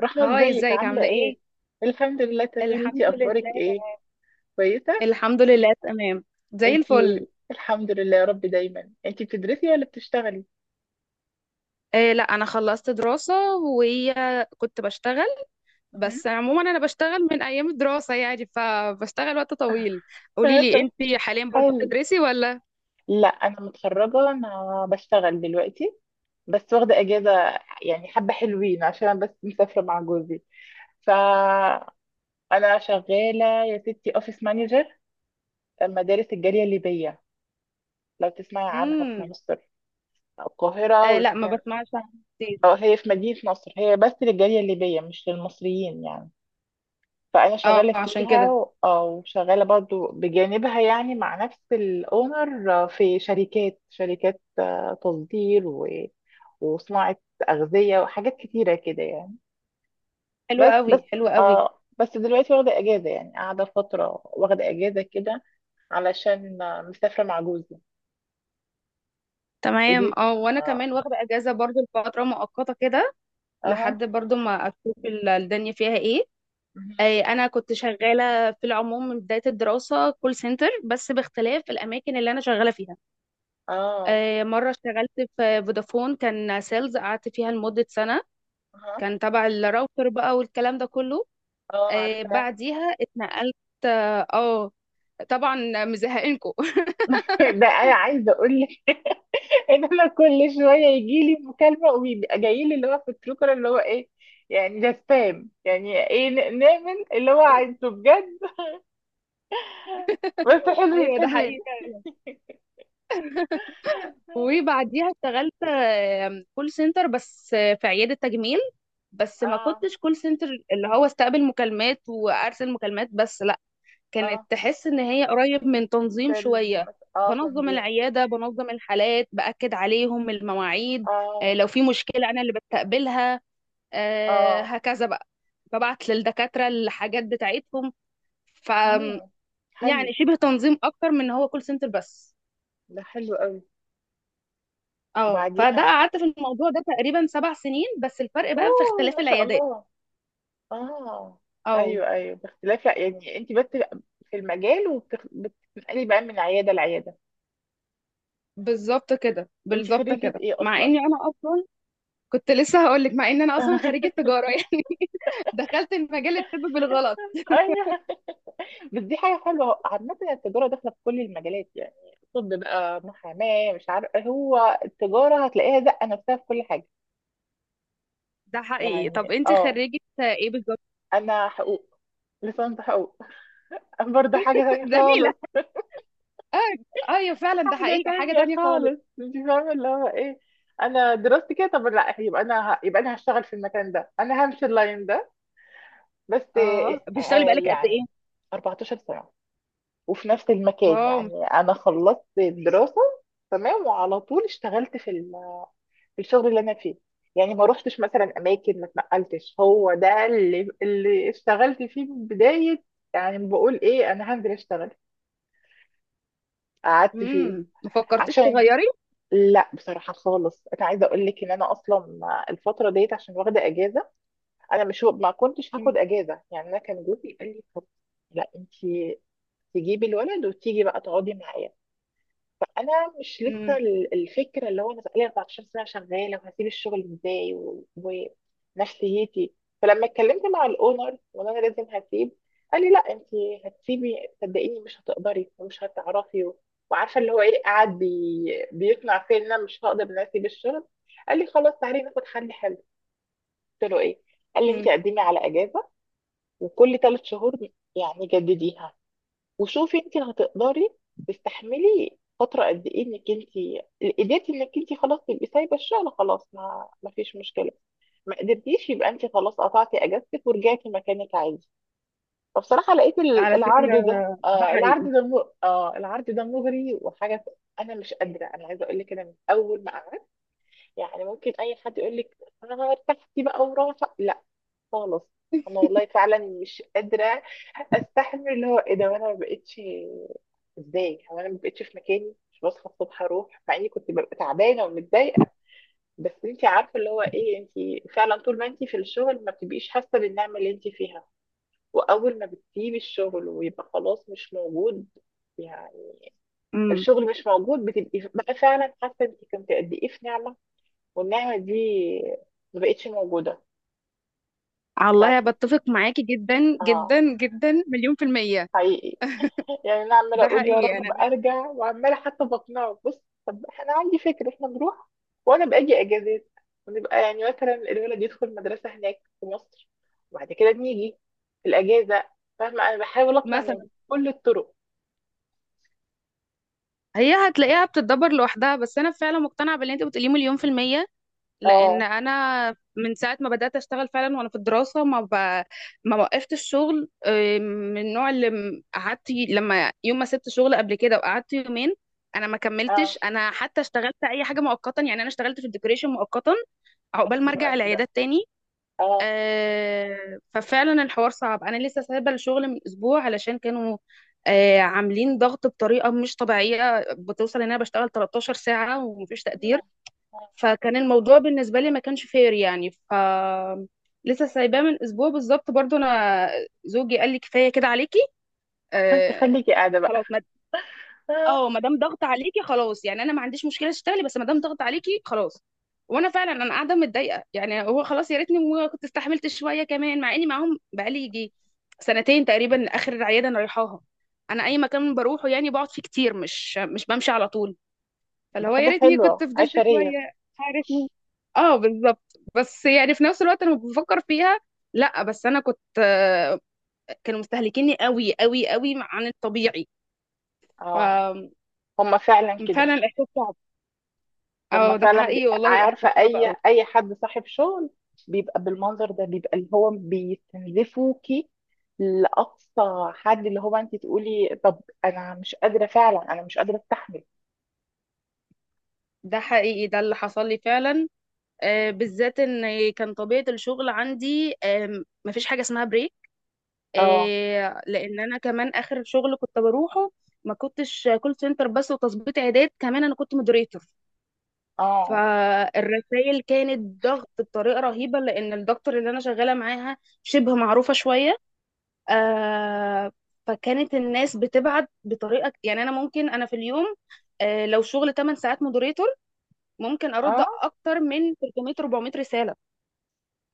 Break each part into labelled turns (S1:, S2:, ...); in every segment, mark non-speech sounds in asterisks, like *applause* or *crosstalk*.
S1: رحمة،
S2: هاي،
S1: ازيك؟
S2: ازيك؟
S1: عاملة
S2: عاملة ايه؟
S1: ايه؟ الحمد لله تمام.
S2: الحمد
S1: انتي اخبارك
S2: لله
S1: ايه؟
S2: تمام.
S1: كويسة؟
S2: الحمد لله تمام، زي الفل.
S1: انتي الحمد لله يا رب دايما. انتي بتدرسي ولا بتشتغلي؟
S2: إيه لا، انا خلصت دراسة وكنت بشتغل،
S1: مهم.
S2: بس عموما انا بشتغل من ايام الدراسة، يعني فبشتغل وقت طويل. قولي
S1: *laughs*
S2: لي،
S1: طب
S2: انتي حاليا برضو
S1: حلو.
S2: بتدرسي ولا؟
S1: لا انا متخرجة، انا بشتغل دلوقتي بس واخدة اجازة يعني حبة حلوين عشان بس مسافرة مع جوزي. فانا شغالة يا ستي اوفيس مانجر مدارس الجالية الليبية، لو تسمعي عنها، في
S2: امم،
S1: مصر، القاهرة.
S2: إيه لا، ما بسمعش عنها كتير.
S1: اه، هي في مدينة نصر، هي بس للجالية الليبية مش للمصريين يعني. فأنا
S2: اه،
S1: شغالة
S2: عشان
S1: فيها
S2: كده.
S1: وشغالة برضو بجانبها يعني مع نفس الأونر، في شركات، تصدير وصناعة أغذية وحاجات كتيرة كده يعني.
S2: حلو
S1: بس
S2: قوي،
S1: بس
S2: حلو قوي.
S1: اه بس دلوقتي واخدة أجازة يعني، قاعدة فترة واخدة أجازة كده علشان مسافرة مع جوزي.
S2: تمام،
S1: قولي.
S2: اه وانا
S1: اه.
S2: كمان واخدة اجازة برضو لفترة مؤقتة كده،
S1: اه.
S2: لحد برضو ما اشوف الدنيا فيها ايه.
S1: مهم.
S2: انا كنت شغاله في العموم من بدايه الدراسه كول سنتر، بس باختلاف الاماكن اللي انا شغاله فيها.
S1: اه.
S2: مره اشتغلت في فودافون، كان سيلز، قعدت فيها لمده سنه،
S1: اه.
S2: كان تبع الراوتر بقى والكلام ده كله.
S1: اه، عارفة.
S2: بعديها اتنقلت. اه آه، طبعا مزهقينكم. *laughs*
S1: *laughs* ده انا عايزه اقول لك، *laughs* ان انا كل شويه يجي لي مكالمه ويبقى جاي لي اللي هو في التروكر اللي هو ايه، يعني ده سبام. يعني ايه نعمل اللي هو
S2: حقيقي.
S1: عايزه بجد؟ بس حلوين
S2: ايوه، ده
S1: حلوين.
S2: حقيقي فعلا. وبعديها اشتغلت كول سنتر، بس في عيادة تجميل. بس ما
S1: اه.
S2: كنتش كول سنتر اللي هو استقبل مكالمات وارسل مكالمات بس، لا، كانت
S1: اه.
S2: تحس ان هي قريب من تنظيم
S1: سيلز
S2: شويه.
S1: مثلا، اه،
S2: بنظم
S1: تنظيم.
S2: العياده، بنظم الحالات، باكد عليهم المواعيد.
S1: اه.
S2: لو في مشكله انا اللي بستقبلها.
S1: اه.
S2: هكذا بقى، ببعت للدكاتره الحاجات بتاعتهم. ف
S1: امم. حلو
S2: يعني شبه تنظيم اكتر من إن هو كول سنتر بس.
S1: ده، حلو قوي.
S2: اه، فده
S1: وبعديها.
S2: قعدت في الموضوع ده تقريبا سبع سنين، بس الفرق بقى في
S1: اوه،
S2: اختلاف
S1: ما شاء
S2: العيادات.
S1: الله. اه.
S2: اه
S1: ايوه ايوه، باختلاف. لا يعني انت بس في المجال وبتنقلي بقى من عياده لعياده.
S2: بالظبط كده،
S1: انت
S2: بالظبط
S1: خريجه
S2: كده،
S1: ايه
S2: مع
S1: اصلا؟
S2: اني انا اصلا كنت لسه هقول لك، مع ان انا اصلا خريجه
S1: *laughs*
S2: تجاره. *laughs* يعني دخلت المجال الطب بالغلط.
S1: ايوه. *laughs* بس دي حاجه حلوه، عامه التجاره داخله في كل المجالات يعني. طب بقى محاماه، مش عارف، هو التجاره هتلاقيها زقه نفسها في كل حاجه.
S2: ده حقيقي. طب
S1: يعني
S2: انت
S1: اه،
S2: خريجة ايه بالظبط؟
S1: انا حقوق. لسان حقوق. *laughs* برضه حاجه
S2: *laughs*
S1: تانية
S2: زميله.
S1: خالص.
S2: اه، ايوه فعلا، ده
S1: حاجه
S2: حقيقي، حاجه
S1: تانية
S2: تانية خالص.
S1: خالص مش فاهمه اللي هو ايه. انا دراستي كده طب، لا يبقى انا يبقى انا هشتغل في المكان ده، انا همشي اللاين ده بس.
S2: اه، بتشتغلي بقالك قد
S1: يعني
S2: ايه؟
S1: 14 سنه وفي نفس المكان،
S2: واو.
S1: يعني انا خلصت الدراسه تمام وعلى طول اشتغلت في الشغل اللي انا فيه، يعني ما روحتش مثلا اماكن، ما اتنقلتش، هو ده اللي اشتغلت فيه من بدايه، يعني بقول ايه انا هنزل اشتغل قعدت فيه.
S2: امم، ما فكرتيش
S1: عشان
S2: تغيري؟
S1: لا، بصراحه خالص انا عايزه اقول لك ان انا اصلا الفتره ديت عشان واخده اجازه، انا مش، ما كنتش هاخد
S2: مم.
S1: اجازه يعني. انا كان جوزي قال لي، طب لا انت تجيبي الولد وتيجي بقى تقعدي معايا. انا مش لسه
S2: امم.
S1: الفكره اللي هو انا بقالي 14 سنه شغاله وهسيب الشغل ازاي ونفسيتي. فلما اتكلمت مع الاونر، وانا انا لازم هسيب، قال لي لا انت هتسيبي، صدقيني مش هتقدري ومش هتعرفي وعارفه اللي هو ايه، قاعد بيقنع فيا ان انا مش هقدر ان أنا اسيب الشغل. قال لي خلاص تعالي ناخد حل حلو. قلت له ايه؟ قال لي انت
S2: امم،
S1: قدمي على اجازه، وكل ثلاث شهور يعني جدديها، وشوفي انت هتقدري تستحملي فتره قد ايه، انك انت قدرتي انك انت خلاص تبقي سايبه الشغل، خلاص ما فيش مشكله. ما قدرتيش، يبقى انت خلاص قطعتي اجازتك ورجعتي مكانك عادي. فبصراحه لقيت
S2: على فكره،
S1: العرض ده،
S2: ده
S1: آه العرض
S2: حقيقي.
S1: ده آه العرض ده مغري وحاجه. انا مش قادره، انا عايزه اقول لك، انا من اول ما، يعني ممكن اي حد يقول لك انا ارتحتي بقى وراحه، لا خالص. انا والله فعلا مش قادره استحمل اللي هو ايه ده. وانا ما بقتش، ازاي هو انا ما بقتش في مكاني، مش بصحى الصبح اروح، مع اني كنت ببقى تعبانه ومتضايقه، بس انت عارفه اللي هو ايه، انت فعلا طول ما انت في الشغل ما بتبقيش حاسه بالنعمه اللي انت فيها، واول ما بتسيبي الشغل ويبقى خلاص مش موجود، يعني
S2: امم،
S1: الشغل مش موجود، بتبقي بقى فعلا حاسه انت كنت قد ايه في نعمه، والنعمة دي ما بقتش موجودة. ف...
S2: الله، بتفق معاكي جدا
S1: اه،
S2: جدا جدا، مليون في المية.
S1: حقيقي. يعني انا عمالة
S2: ده
S1: اقول يا
S2: حقيقي.
S1: رب ارجع، وعمالة حتى بقنعه، بص طب انا عندي فكرة احنا نروح وانا باجي اجازات، ونبقى يعني مثلا الولد يدخل مدرسة هناك في مصر وبعد كده بنيجي في الاجازة، فاهمة؟ انا بحاول اقنع من
S2: مثلا
S1: كل الطرق.
S2: هي هتلاقيها بتتدبر لوحدها، بس انا فعلا مقتنعة باللي انت بتقوليه مليون في المية. لان
S1: اه.
S2: انا من ساعه ما بدات اشتغل فعلا وانا في الدراسه ما وقفت الشغل. من النوع اللي لما يوم ما سبت شغل قبل كده وقعدت يومين انا ما
S1: اه،
S2: كملتش، انا حتى اشتغلت اي حاجه مؤقتا، يعني انا اشتغلت في الديكوريشن مؤقتا عقبال ما
S1: حلو
S2: ارجع
S1: قوي ده.
S2: العيادات تاني.
S1: اه.
S2: ففعلا الحوار صعب. انا لسه سايبه الشغل من اسبوع، علشان كانوا عاملين ضغط بطريقه مش طبيعيه، بتوصل ان انا بشتغل 13 ساعه ومفيش تقدير.
S1: آه، آه.
S2: فكان الموضوع بالنسبة لي ما كانش فير، يعني لسه سايباه من اسبوع بالظبط برضو. انا زوجي قال لي كفاية كده عليكي.
S1: *laughs*
S2: آه،
S1: تخليكي قاعدة بقى.
S2: خلاص،
S1: آه.
S2: ما دام ضغط عليكي خلاص، يعني انا ما عنديش مشكلة اشتغلي، بس ما دام ضغط عليكي خلاص. وانا فعلا انا قاعدة متضايقة، يعني هو خلاص، يا ريتني ما كنت استحملت شوية كمان، مع اني معاهم بقالي يجي سنتين تقريبا، اخر عيادة انا رايحاها. انا اي مكان بروحه يعني بقعد فيه كتير، مش بمشي على طول. فاللي
S1: ده
S2: هو يا
S1: حاجة
S2: ريتني كنت
S1: حلوة
S2: فضلت
S1: عشرية.
S2: شويه، عارف مين. اه بالظبط، بس يعني في نفس الوقت انا بفكر فيها. لا بس انا كنت كانوا مستهلكيني قوي قوي قوي عن الطبيعي.
S1: اه،
S2: ففعلا
S1: هما فعلا كده،
S2: الاحساس صعب.
S1: هم
S2: اه ده
S1: فعلا
S2: حقيقي والله، يبقى
S1: عارفه
S2: احساس صعب
S1: اي
S2: قوي.
S1: اي حد صاحب شغل بيبقى بالمنظر ده، بيبقى اللي هو بيستنزفوكي لاقصى حد، اللي هو انت تقولي طب انا مش قادره فعلا، انا مش قادره استحمل.
S2: ده حقيقي، ده اللي حصل لي فعلا. بالذات ان كان طبيعه الشغل عندي، مفيش حاجه اسمها بريك.
S1: اه.
S2: لان انا كمان اخر شغل كنت بروحه ما كنتش كول سنتر بس وتظبيط عيادات، كمان انا كنت مودريتور.
S1: اه.
S2: فالرسائل كانت ضغط بطريقة رهيبة، لأن الدكتور اللي أنا شغالة معاها شبه معروفة شوية. آه فكانت الناس بتبعت بطريقة، يعني أنا ممكن أنا في اليوم، لو شغل 8 ساعات مودريتور ممكن أرد
S1: اه.
S2: أكتر من 300 400 رسالة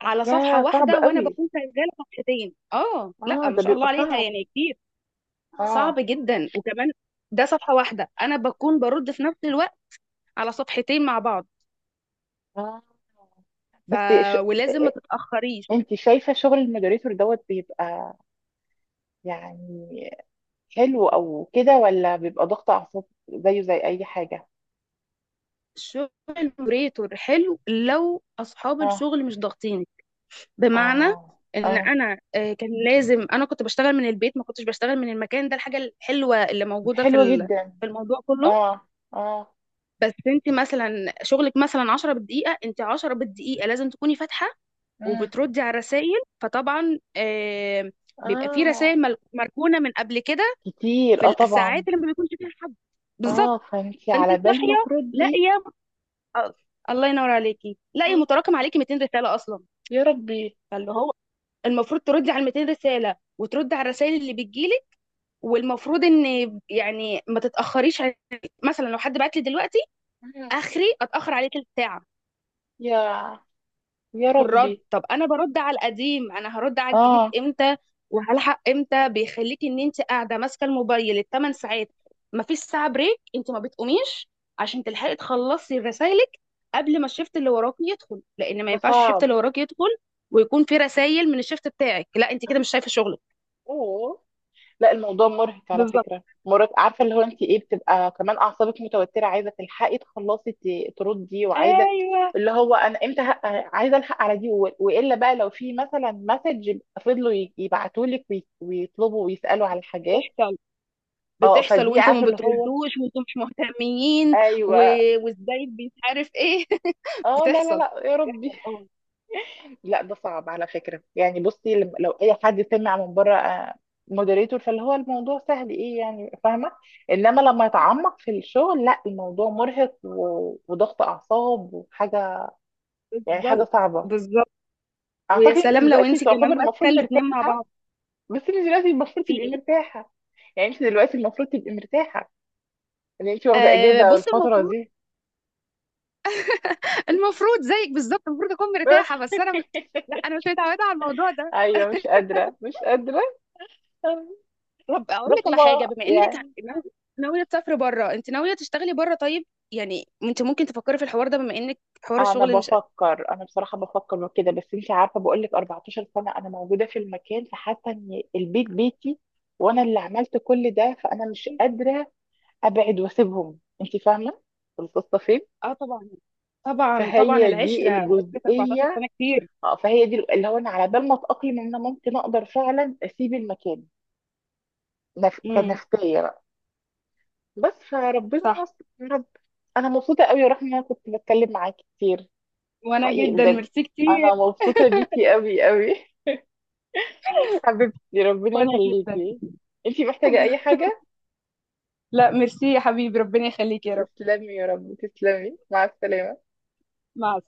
S2: على صفحة
S1: يا صعب
S2: واحدة، وأنا
S1: قوي.
S2: بكون شغالة صفحتين. آه، لا
S1: اه،
S2: ما
S1: ده
S2: شاء الله
S1: بيبقى
S2: عليها،
S1: صعب.
S2: يعني كتير.
S1: اه.
S2: صعب جدا، وكمان ده صفحة واحدة أنا بكون برد في نفس الوقت على صفحتين مع بعض.
S1: اه.
S2: ف...
S1: بس ش...
S2: ولازم ما تتأخريش.
S1: انت شايفه شغل المودريتور دوت بيبقى يعني حلو او كده، ولا بيبقى ضغط اعصاب زيه زي اي حاجه؟
S2: الشغل موريتور حلو لو اصحاب
S1: اه.
S2: الشغل مش ضاغطيني. بمعنى
S1: اه.
S2: ان
S1: اه.
S2: انا كان لازم انا كنت بشتغل من البيت، ما كنتش بشتغل من المكان ده. الحاجه الحلوه اللي موجوده
S1: حلوة جدا.
S2: في الموضوع كله،
S1: اه. اه.
S2: بس انت مثلا شغلك مثلا 10 بالدقيقه، انت 10 بالدقيقه لازم تكوني فاتحه
S1: مم.
S2: وبتردي على الرسائل. فطبعا بيبقى في
S1: اه،
S2: رسائل مركونه من قبل كده،
S1: كتير
S2: في
S1: اه طبعا.
S2: الساعات اللي ما بيكونش فيها حد. بالظبط،
S1: اه فانتي
S2: فانت
S1: على بال ما
S2: صاحيه
S1: تردي.
S2: لاقيه آه، الله ينور عليكي، لا يا
S1: آه.
S2: متراكم عليكي 200 رساله اصلا.
S1: يا ربي.
S2: فاللي هو المفروض تردي على ال 200 رساله وتردي على الرسائل اللي بتجيلك، والمفروض ان يعني ما تتاخريش مثلا لو حد بعت لي دلوقتي
S1: آه.
S2: اخري اتاخر عليه تلت ساعه
S1: يا، يا
S2: في الرد،
S1: ربي.
S2: طب انا برد على القديم، انا هرد على الجديد
S1: اه،
S2: امتى؟ وهلحق امتى؟ بيخليكي ان انت قاعده ماسكه الموبايل الثمان ساعات، مفيش ساعه بريك، انت ما بتقوميش عشان تلحقي تخلصي رسايلك قبل ما الشفت اللي وراكي يدخل، لان ما
S1: ده
S2: ينفعش الشفت
S1: صعب.
S2: اللي وراكي يدخل ويكون في رسايل من الشفت بتاعك، لا انت
S1: آه.
S2: كده مش شايفه شغلك.
S1: اوه. لا، الموضوع مرهق على
S2: بالظبط.
S1: فكرة، مرهق. عارفة اللي هو انت ايه، بتبقى كمان اعصابك متوترة، عايزة تلحقي تخلصي تردي، وعايزة
S2: ايوه،
S1: اللي هو انا امتى عايزة الحق على دي والا بقى لو في مثلا مسج، فضلوا يبعتولك ويطلبوا ويسألوا على حاجات.
S2: بتحصل،
S1: اه
S2: بتحصل
S1: فدي
S2: وانتوا ما
S1: عارفة اللي هو.
S2: بتردوش وانتوا مش مهتمين و...
S1: ايوه.
S2: وازاي، مش عارف ايه. *laughs*
S1: اه. لا لا
S2: بتحصل،
S1: لا، يا ربي.
S2: بتحصل طبعا.
S1: لا، ده صعب على فكرة يعني. بصي لو اي حد سمع من بره مودريتور، فاللي هو الموضوع سهل ايه يعني، فاهمة؟ انما لما يتعمق في الشغل لا، الموضوع مرهق وضغط اعصاب وحاجة يعني، حاجة
S2: بالظبط،
S1: صعبة.
S2: بالظبط. ويا
S1: اعتقد انت
S2: سلام لو
S1: دلوقتي
S2: انت
S1: تعتبر
S2: كمان ماسكه
S1: المفروض
S2: الاتنين مع
S1: مرتاحة.
S2: بعض.
S1: بس انت دلوقتي المفروض
S2: في
S1: تبقي
S2: ايه؟
S1: مرتاحة، يعني انت دلوقتي المفروض تبقي مرتاحة ان انت واخدة
S2: آه
S1: اجازة
S2: بص،
S1: الفترة
S2: المفروض،
S1: دي.
S2: المفروض زيك بالظبط، المفروض اكون مرتاحه، لا
S1: *laughs*
S2: انا مش متعوده على الموضوع ده.
S1: ايوه، مش قادرة مش قادرة.
S2: طب اقول لك على
S1: رحمة،
S2: حاجه، بما
S1: يعني
S2: ناويه تسافري بره، انت ناويه تشتغلي بره، طيب يعني انت ممكن تفكري في الحوار ده، بما انك حوار
S1: انا
S2: الشغل مش.
S1: بفكر، انا بصراحه بفكر وكده، بس انت عارفه، بقول لك 14 سنه انا موجوده في المكان، فحاسه ان البيت بيتي وانا اللي عملت كل ده، فانا مش قادره ابعد واسيبهم، انت فاهمه القصه فين؟
S2: اه طبعا، طبعا طبعا،
S1: فهي دي
S2: العشره عشره، 14
S1: الجزئيه.
S2: سنه كتير.
S1: اه فهي دي اللي هو انا على بال ما اتاقلم ان انا ممكن اقدر فعلا اسيب المكان،
S2: امم.
S1: كنفسيه بقى. بس فربنا
S2: صح.
S1: يستر يا رب. انا مبسوطه قوي يا رحمه ان انا كنت بتكلم معاكي كتير.
S2: وانا
S1: حقيقي
S2: جدا
S1: بجد،
S2: ميرسي كتير.
S1: انا مبسوطه بيكي قوي قوي، حبيبتي، ربنا
S2: وانا جدا.
S1: يخليكي. انتي محتاجة أي حاجة؟
S2: لا ميرسي يا حبيبي، ربنا يخليك يا رب.
S1: تسلمي يا رب، تسلمي، مع السلامة.
S2: مع